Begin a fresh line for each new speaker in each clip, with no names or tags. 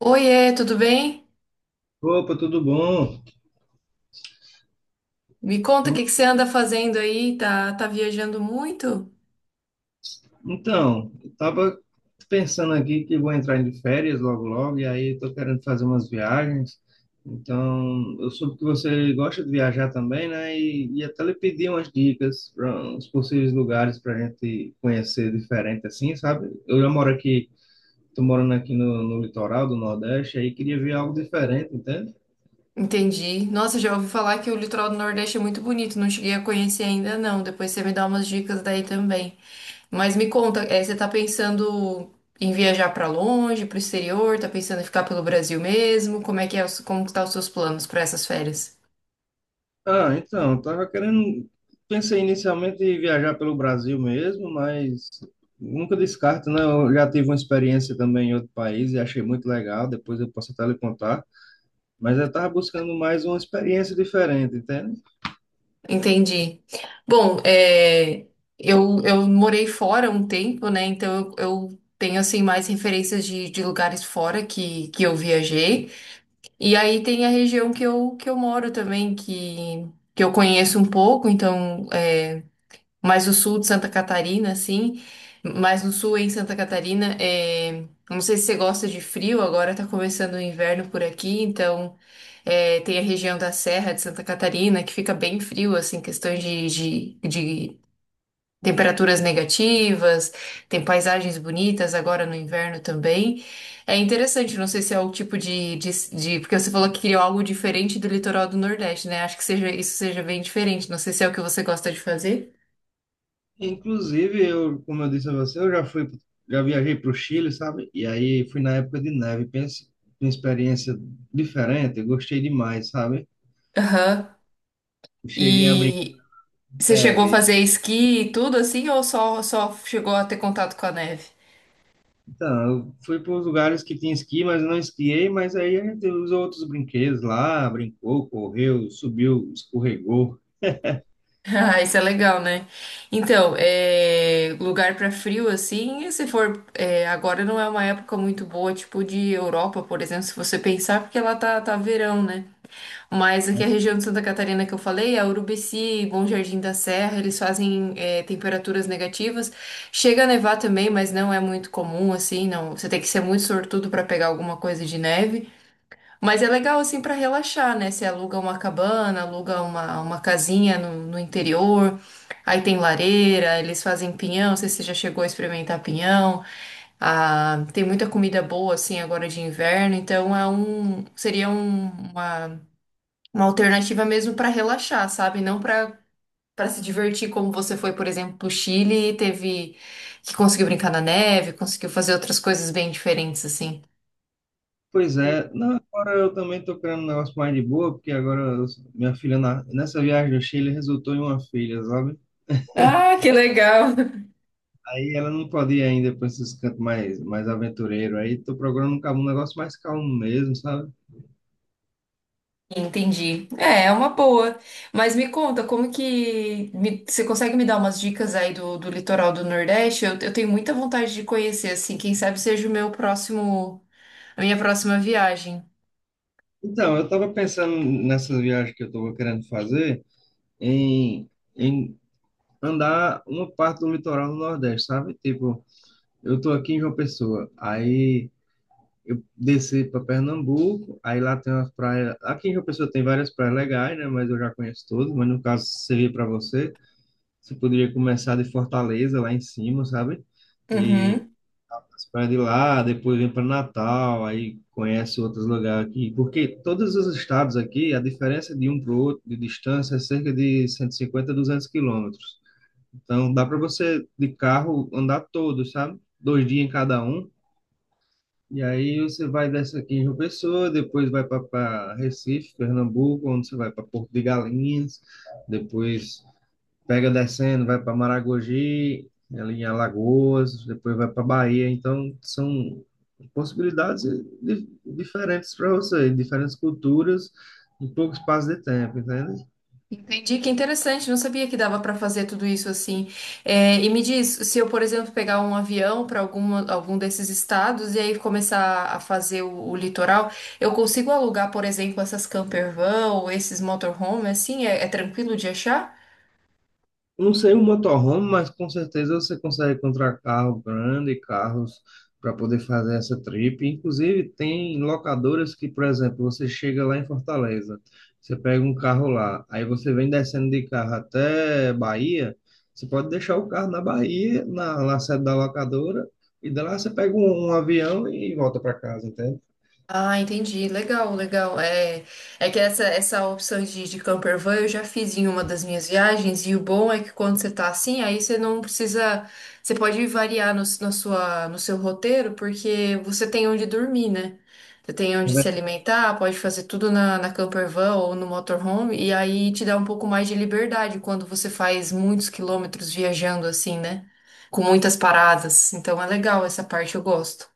Oiê, tudo bem?
Opa, tudo bom?
Me conta o que que você anda fazendo aí? Tá viajando muito?
Então, eu tava pensando aqui que vou entrar de férias logo logo, e aí eu tô querendo fazer umas viagens. Então, eu soube que você gosta de viajar também, né? E até lhe pedi umas dicas para uns possíveis lugares para a gente conhecer diferente assim, sabe? Eu já moro aqui, tô morando aqui no litoral do Nordeste, aí queria ver algo diferente, entende?
Entendi. Nossa, já ouvi falar que o litoral do Nordeste é muito bonito, não cheguei a conhecer ainda não. Depois você me dá umas dicas daí também. Mas me conta, você tá pensando em viajar pra longe, pro exterior? Tá pensando em ficar pelo Brasil mesmo? Como é que é, como que tá os seus planos pra essas férias?
Ah, então, eu tava querendo. Pensei inicialmente em viajar pelo Brasil mesmo, mas nunca descarto, né? Eu já tive uma experiência também em outro país e achei muito legal, depois eu posso até lhe contar. Mas eu tava buscando mais uma experiência diferente, entende?
Entendi. Bom, eu morei fora um tempo, né? Então eu tenho assim mais referências de lugares fora que eu viajei. E aí tem a região que eu moro também, que eu conheço um pouco, então mais o sul de Santa Catarina, assim, mais no sul em Santa Catarina. Não sei se você gosta de frio, agora tá começando o inverno por aqui, então. Tem a região da Serra de Santa Catarina, que fica bem frio, assim, questões de temperaturas negativas, tem paisagens bonitas agora no inverno também. É interessante, não sei se é o tipo de. Porque você falou que queria algo diferente do litoral do Nordeste, né? Acho que seja, isso seja bem diferente, não sei se é o que você gosta de fazer.
Inclusive, eu, como eu disse a você, eu já fui, já viajei para o Chile, sabe? E aí fui na época de neve, pense, uma experiência diferente, eu gostei demais, sabe?
Aham.
Cheguei a brincar
E
de
você chegou a
neve.
fazer esqui e tudo assim, ou só chegou a ter contato com a neve?
Então, eu fui para os lugares que tinha esqui, mas eu não esquiei, mas aí a gente usou outros brinquedos lá, brincou, correu, subiu, escorregou,
Ah, isso é legal, né? Então, lugar pra frio assim, se for agora não é uma época muito boa, tipo de Europa, por exemplo, se você pensar, porque lá tá verão, né? Mas aqui a
né?
região de Santa Catarina que eu falei, a Urubici, Bom Jardim da Serra, eles fazem temperaturas negativas. Chega a nevar também, mas não é muito comum assim, não. Você tem que ser muito sortudo pra pegar alguma coisa de neve. Mas é legal assim para relaxar, né? Você aluga uma cabana, aluga uma casinha no interior, aí tem lareira, eles fazem pinhão, não sei se você já chegou a experimentar pinhão. Ah, tem muita comida boa assim agora de inverno, então seria uma alternativa mesmo para relaxar, sabe? Não para se divertir como você foi, por exemplo, pro Chile e teve que conseguiu brincar na neve, conseguiu fazer outras coisas bem diferentes assim.
Pois é, não, agora eu também tô querendo um negócio mais de boa, porque minha filha, nessa viagem ao Chile, resultou em uma filha, sabe?
Ah, que legal!
Aí ela não pode ir ainda para esses cantos mais, mais aventureiro. Aí tô procurando um negócio mais calmo mesmo, sabe?
Entendi. É uma boa. Mas me conta, como que você consegue me dar umas dicas aí do litoral do Nordeste? Eu tenho muita vontade de conhecer, assim, quem sabe seja o meu próximo, a minha próxima viagem.
Então, eu tava pensando nessa viagem que eu tava querendo fazer em, em andar uma parte do litoral do Nordeste, sabe? Tipo, eu tô aqui em João Pessoa, aí eu desci para Pernambuco, aí lá tem umas praias. Aqui em João Pessoa tem várias praias legais, né? Mas eu já conheço todas, mas no caso se servir para você, você poderia começar de Fortaleza, lá em cima, sabe? E
Uhum.
as praias de lá, depois vem para Natal, aí conhece outros lugares aqui, porque todos os estados aqui, a diferença de um para o outro de distância é cerca de 150, 200 quilômetros. Então dá para você de carro andar todos, sabe? Dois dias em cada um. E aí você vai dessa aqui em João Pessoa, depois vai para Recife, Pernambuco, onde você vai para Porto de Galinhas, depois pega descendo, vai para Maragogi, ali em Alagoas, depois vai para Bahia. Então são possibilidades diferentes para você, diferentes culturas em pouco espaço de tempo, entende?
Entendi, que interessante, não sabia que dava para fazer tudo isso assim. E me diz, se eu, por exemplo, pegar um avião para algum desses estados e aí começar a fazer o litoral, eu consigo alugar, por exemplo, essas campervan ou esses motorhome, assim, é tranquilo de achar?
Não sei o motorhome, mas com certeza você consegue encontrar carro grande, carros para poder fazer essa trip. Inclusive, tem locadoras que, por exemplo, você chega lá em Fortaleza, você pega um carro lá, aí você vem descendo de carro até Bahia, você pode deixar o carro na Bahia, na sede da locadora, e de lá você pega um avião e volta para casa, entende?
Ah, entendi. Legal, legal. É que essa opção de camper van eu já fiz em uma das minhas viagens, e o bom é que quando você tá assim, aí você não precisa. Você pode variar no seu roteiro, porque você tem onde dormir, né? Você tem onde se alimentar, pode fazer tudo na camper van ou no motorhome, e aí te dá um pouco mais de liberdade quando você faz muitos quilômetros viajando assim, né? Com muitas paradas. Então é legal essa parte, eu gosto.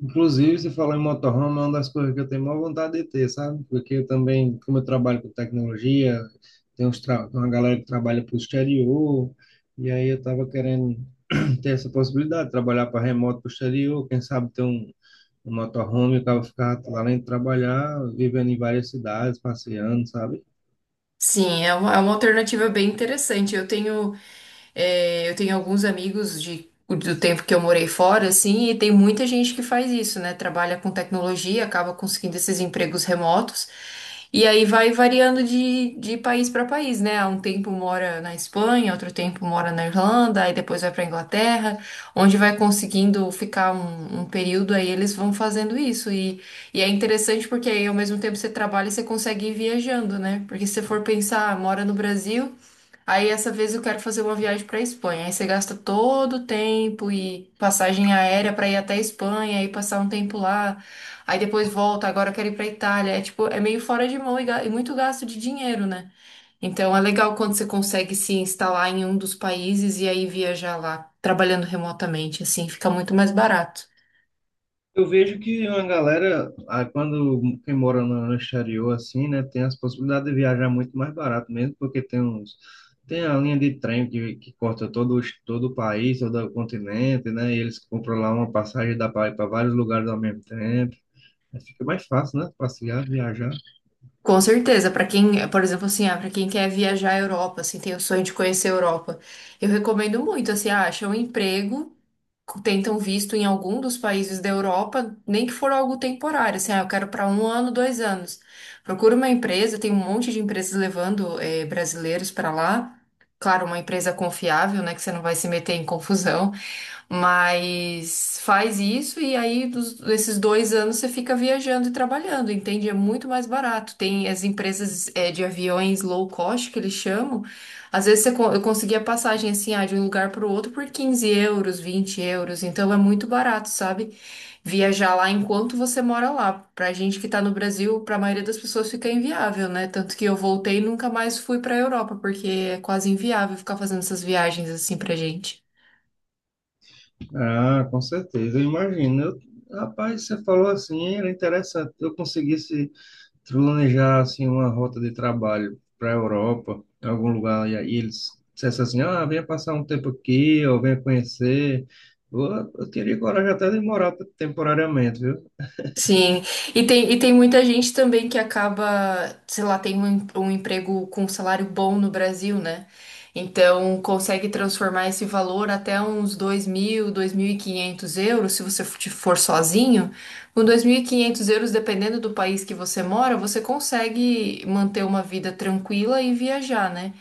Inclusive, você falou em motorhome, é uma das coisas que eu tenho maior vontade de ter, sabe? Porque eu também, como eu trabalho com tecnologia, tem uma galera que trabalha para o exterior, e aí eu estava querendo ter essa possibilidade de trabalhar para remoto para o exterior, quem sabe ter um motorhome, eu tava ficar lá dentro trabalhar, vivendo em várias cidades, passeando, sabe?
Sim, é uma alternativa bem interessante. Eu tenho alguns amigos do tempo que eu morei fora, assim, e tem muita gente que faz isso, né? Trabalha com tecnologia, acaba conseguindo esses empregos remotos, e aí vai variando de país para país, né? Há um tempo mora na Espanha, outro tempo mora na Irlanda, aí depois vai para Inglaterra, onde vai conseguindo ficar um período, aí eles vão fazendo isso. E é interessante porque aí ao mesmo tempo você trabalha e você consegue ir viajando, né? Porque se você for pensar, ah, mora no Brasil, aí essa vez eu quero fazer uma viagem para Espanha. Aí você gasta todo o tempo e passagem aérea para ir até a Espanha e passar um tempo lá. Aí depois volta, agora eu quero ir para Itália. É tipo, é meio fora de mão e muito gasto de dinheiro, né? Então é legal quando você consegue se instalar em um dos países e aí viajar lá, trabalhando remotamente, assim, fica muito mais barato.
Eu vejo que uma galera, ah, quando quem mora no exterior, assim, né, tem as possibilidades de viajar muito mais barato mesmo, porque tem uns, tem a linha de trem que corta todo, todo o país, todo o continente, né, e eles compram lá uma passagem da para ir para vários lugares ao mesmo tempo. Aí fica mais fácil, né, passear, viajar.
Com certeza, para quem, por exemplo, assim, ah, para quem quer viajar à Europa, assim, tem o sonho de conhecer a Europa, eu recomendo muito, assim, ah, acha um emprego, tentam visto em algum dos países da Europa, nem que for algo temporário, assim, ah, eu quero para um ano, 2 anos. Procura uma empresa, tem um monte de empresas levando brasileiros para lá. Claro, uma empresa confiável, né, que você não vai se meter em confusão. Mas faz isso e aí desses 2 anos você fica viajando e trabalhando, entende? É muito mais barato. Tem as empresas de aviões low cost que eles chamam. Às vezes eu conseguia passagem assim, ah, de um lugar para o outro por 15 euros, 20 euros. Então é muito barato, sabe? Viajar lá enquanto você mora lá. Pra gente que tá no Brasil, pra maioria das pessoas fica inviável, né? Tanto que eu voltei e nunca mais fui pra Europa, porque é quase inviável ficar fazendo essas viagens assim pra gente.
Ah, com certeza, eu imagino. Eu, rapaz, você falou assim, era interessante. Eu conseguisse planejar assim uma rota de trabalho para a Europa, em algum lugar, e aí eles dissessem assim, ah, venha passar um tempo aqui, ou venha conhecer. Eu, eu teria coragem até de morar temporariamente, viu?
Sim, e tem muita gente também que acaba, sei lá, tem um emprego com um salário bom no Brasil, né? Então consegue transformar esse valor até uns dois mil e quinhentos euros, se você for sozinho. Com 2.500 euros, dependendo do país que você mora, você consegue manter uma vida tranquila e viajar, né?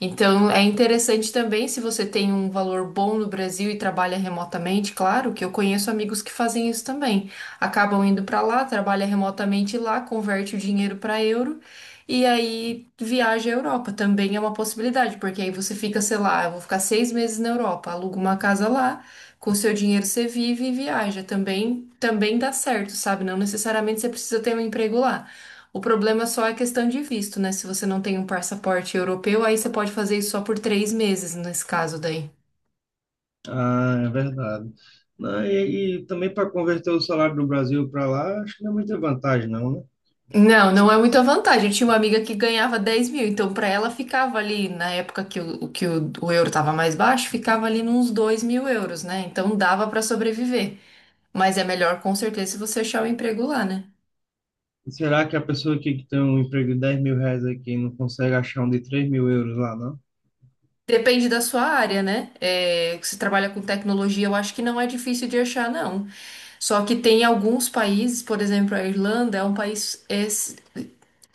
Então, é interessante também se você tem um valor bom no Brasil e trabalha remotamente, claro, que eu conheço amigos que fazem isso também. Acabam indo para lá, trabalha remotamente lá, converte o dinheiro para euro e aí viaja à Europa. Também é uma possibilidade, porque aí você fica, sei lá, eu vou ficar 6 meses na Europa, aluga uma casa lá, com o seu dinheiro você vive e viaja. Também dá certo, sabe? Não necessariamente você precisa ter um emprego lá. O problema só é questão de visto, né? Se você não tem um passaporte europeu, aí você pode fazer isso só por 3 meses, nesse caso daí.
Ah, é verdade. Não, e também para converter o salário do Brasil para lá, acho que não é muita vantagem, não, né?
Não,
Se-
não é muita vantagem. Eu tinha uma amiga que ganhava 10.000, então pra ela ficava ali, na época o euro tava mais baixo, ficava ali nos 2.000 euros, né? Então dava pra sobreviver. Mas é melhor com certeza se você achar um emprego lá, né?
Será que a pessoa que tem um emprego de 10 mil reais aqui não consegue achar um de 3 mil euros lá, não?
Depende da sua área, né? Se trabalha com tecnologia, eu acho que não é difícil de achar, não. Só que tem alguns países, por exemplo, a Irlanda é um país é,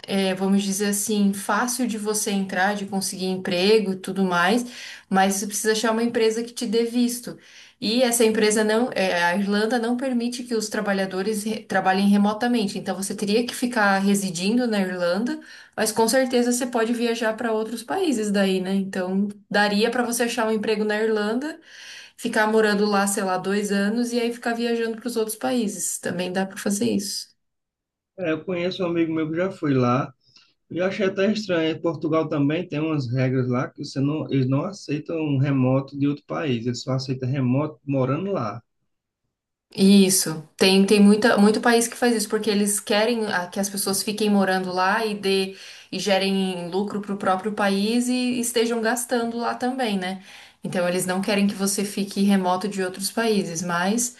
é, vamos dizer assim, fácil de você entrar, de conseguir emprego e tudo mais, mas você precisa achar uma empresa que te dê visto. E essa empresa não, a Irlanda não permite que os trabalhadores trabalhem remotamente, então você teria que ficar residindo na Irlanda, mas com certeza você pode viajar para outros países daí, né? Então daria para você achar um emprego na Irlanda, ficar morando lá, sei lá, 2 anos e aí ficar viajando para os outros países. Também dá para fazer isso.
É, eu conheço um amigo meu que já foi lá, e eu achei até estranho. Em Portugal também tem umas regras lá que você não, eles não aceitam um remoto de outro país, eles só aceitam remoto morando lá.
Isso. Tem muito país que faz isso, porque eles querem que as pessoas fiquem morando lá e dê, e gerem lucro para o próprio país e estejam gastando lá também, né? Então eles não querem que você fique remoto de outros países, mas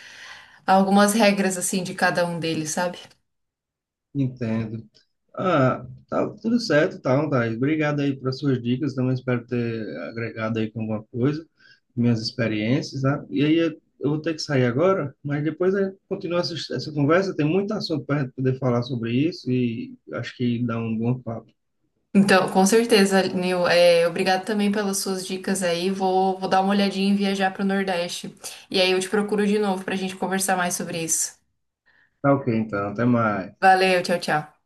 há algumas regras assim de cada um deles, sabe?
Entendo. Ah, tá tudo certo, tá, Thaís. Obrigado aí pelas suas dicas. Também espero ter agregado aí com alguma coisa, minhas experiências, tá? E aí eu vou ter que sair agora, mas depois a gente continua essa conversa. Tem muito assunto para a gente poder falar sobre isso e acho que dá um bom papo.
Então, com certeza, Nil, obrigado também pelas suas dicas aí. Vou dar uma olhadinha em viajar para o Nordeste. E aí eu te procuro de novo para a gente conversar mais sobre isso.
Tá ok, então. Até mais.
Valeu, tchau, tchau.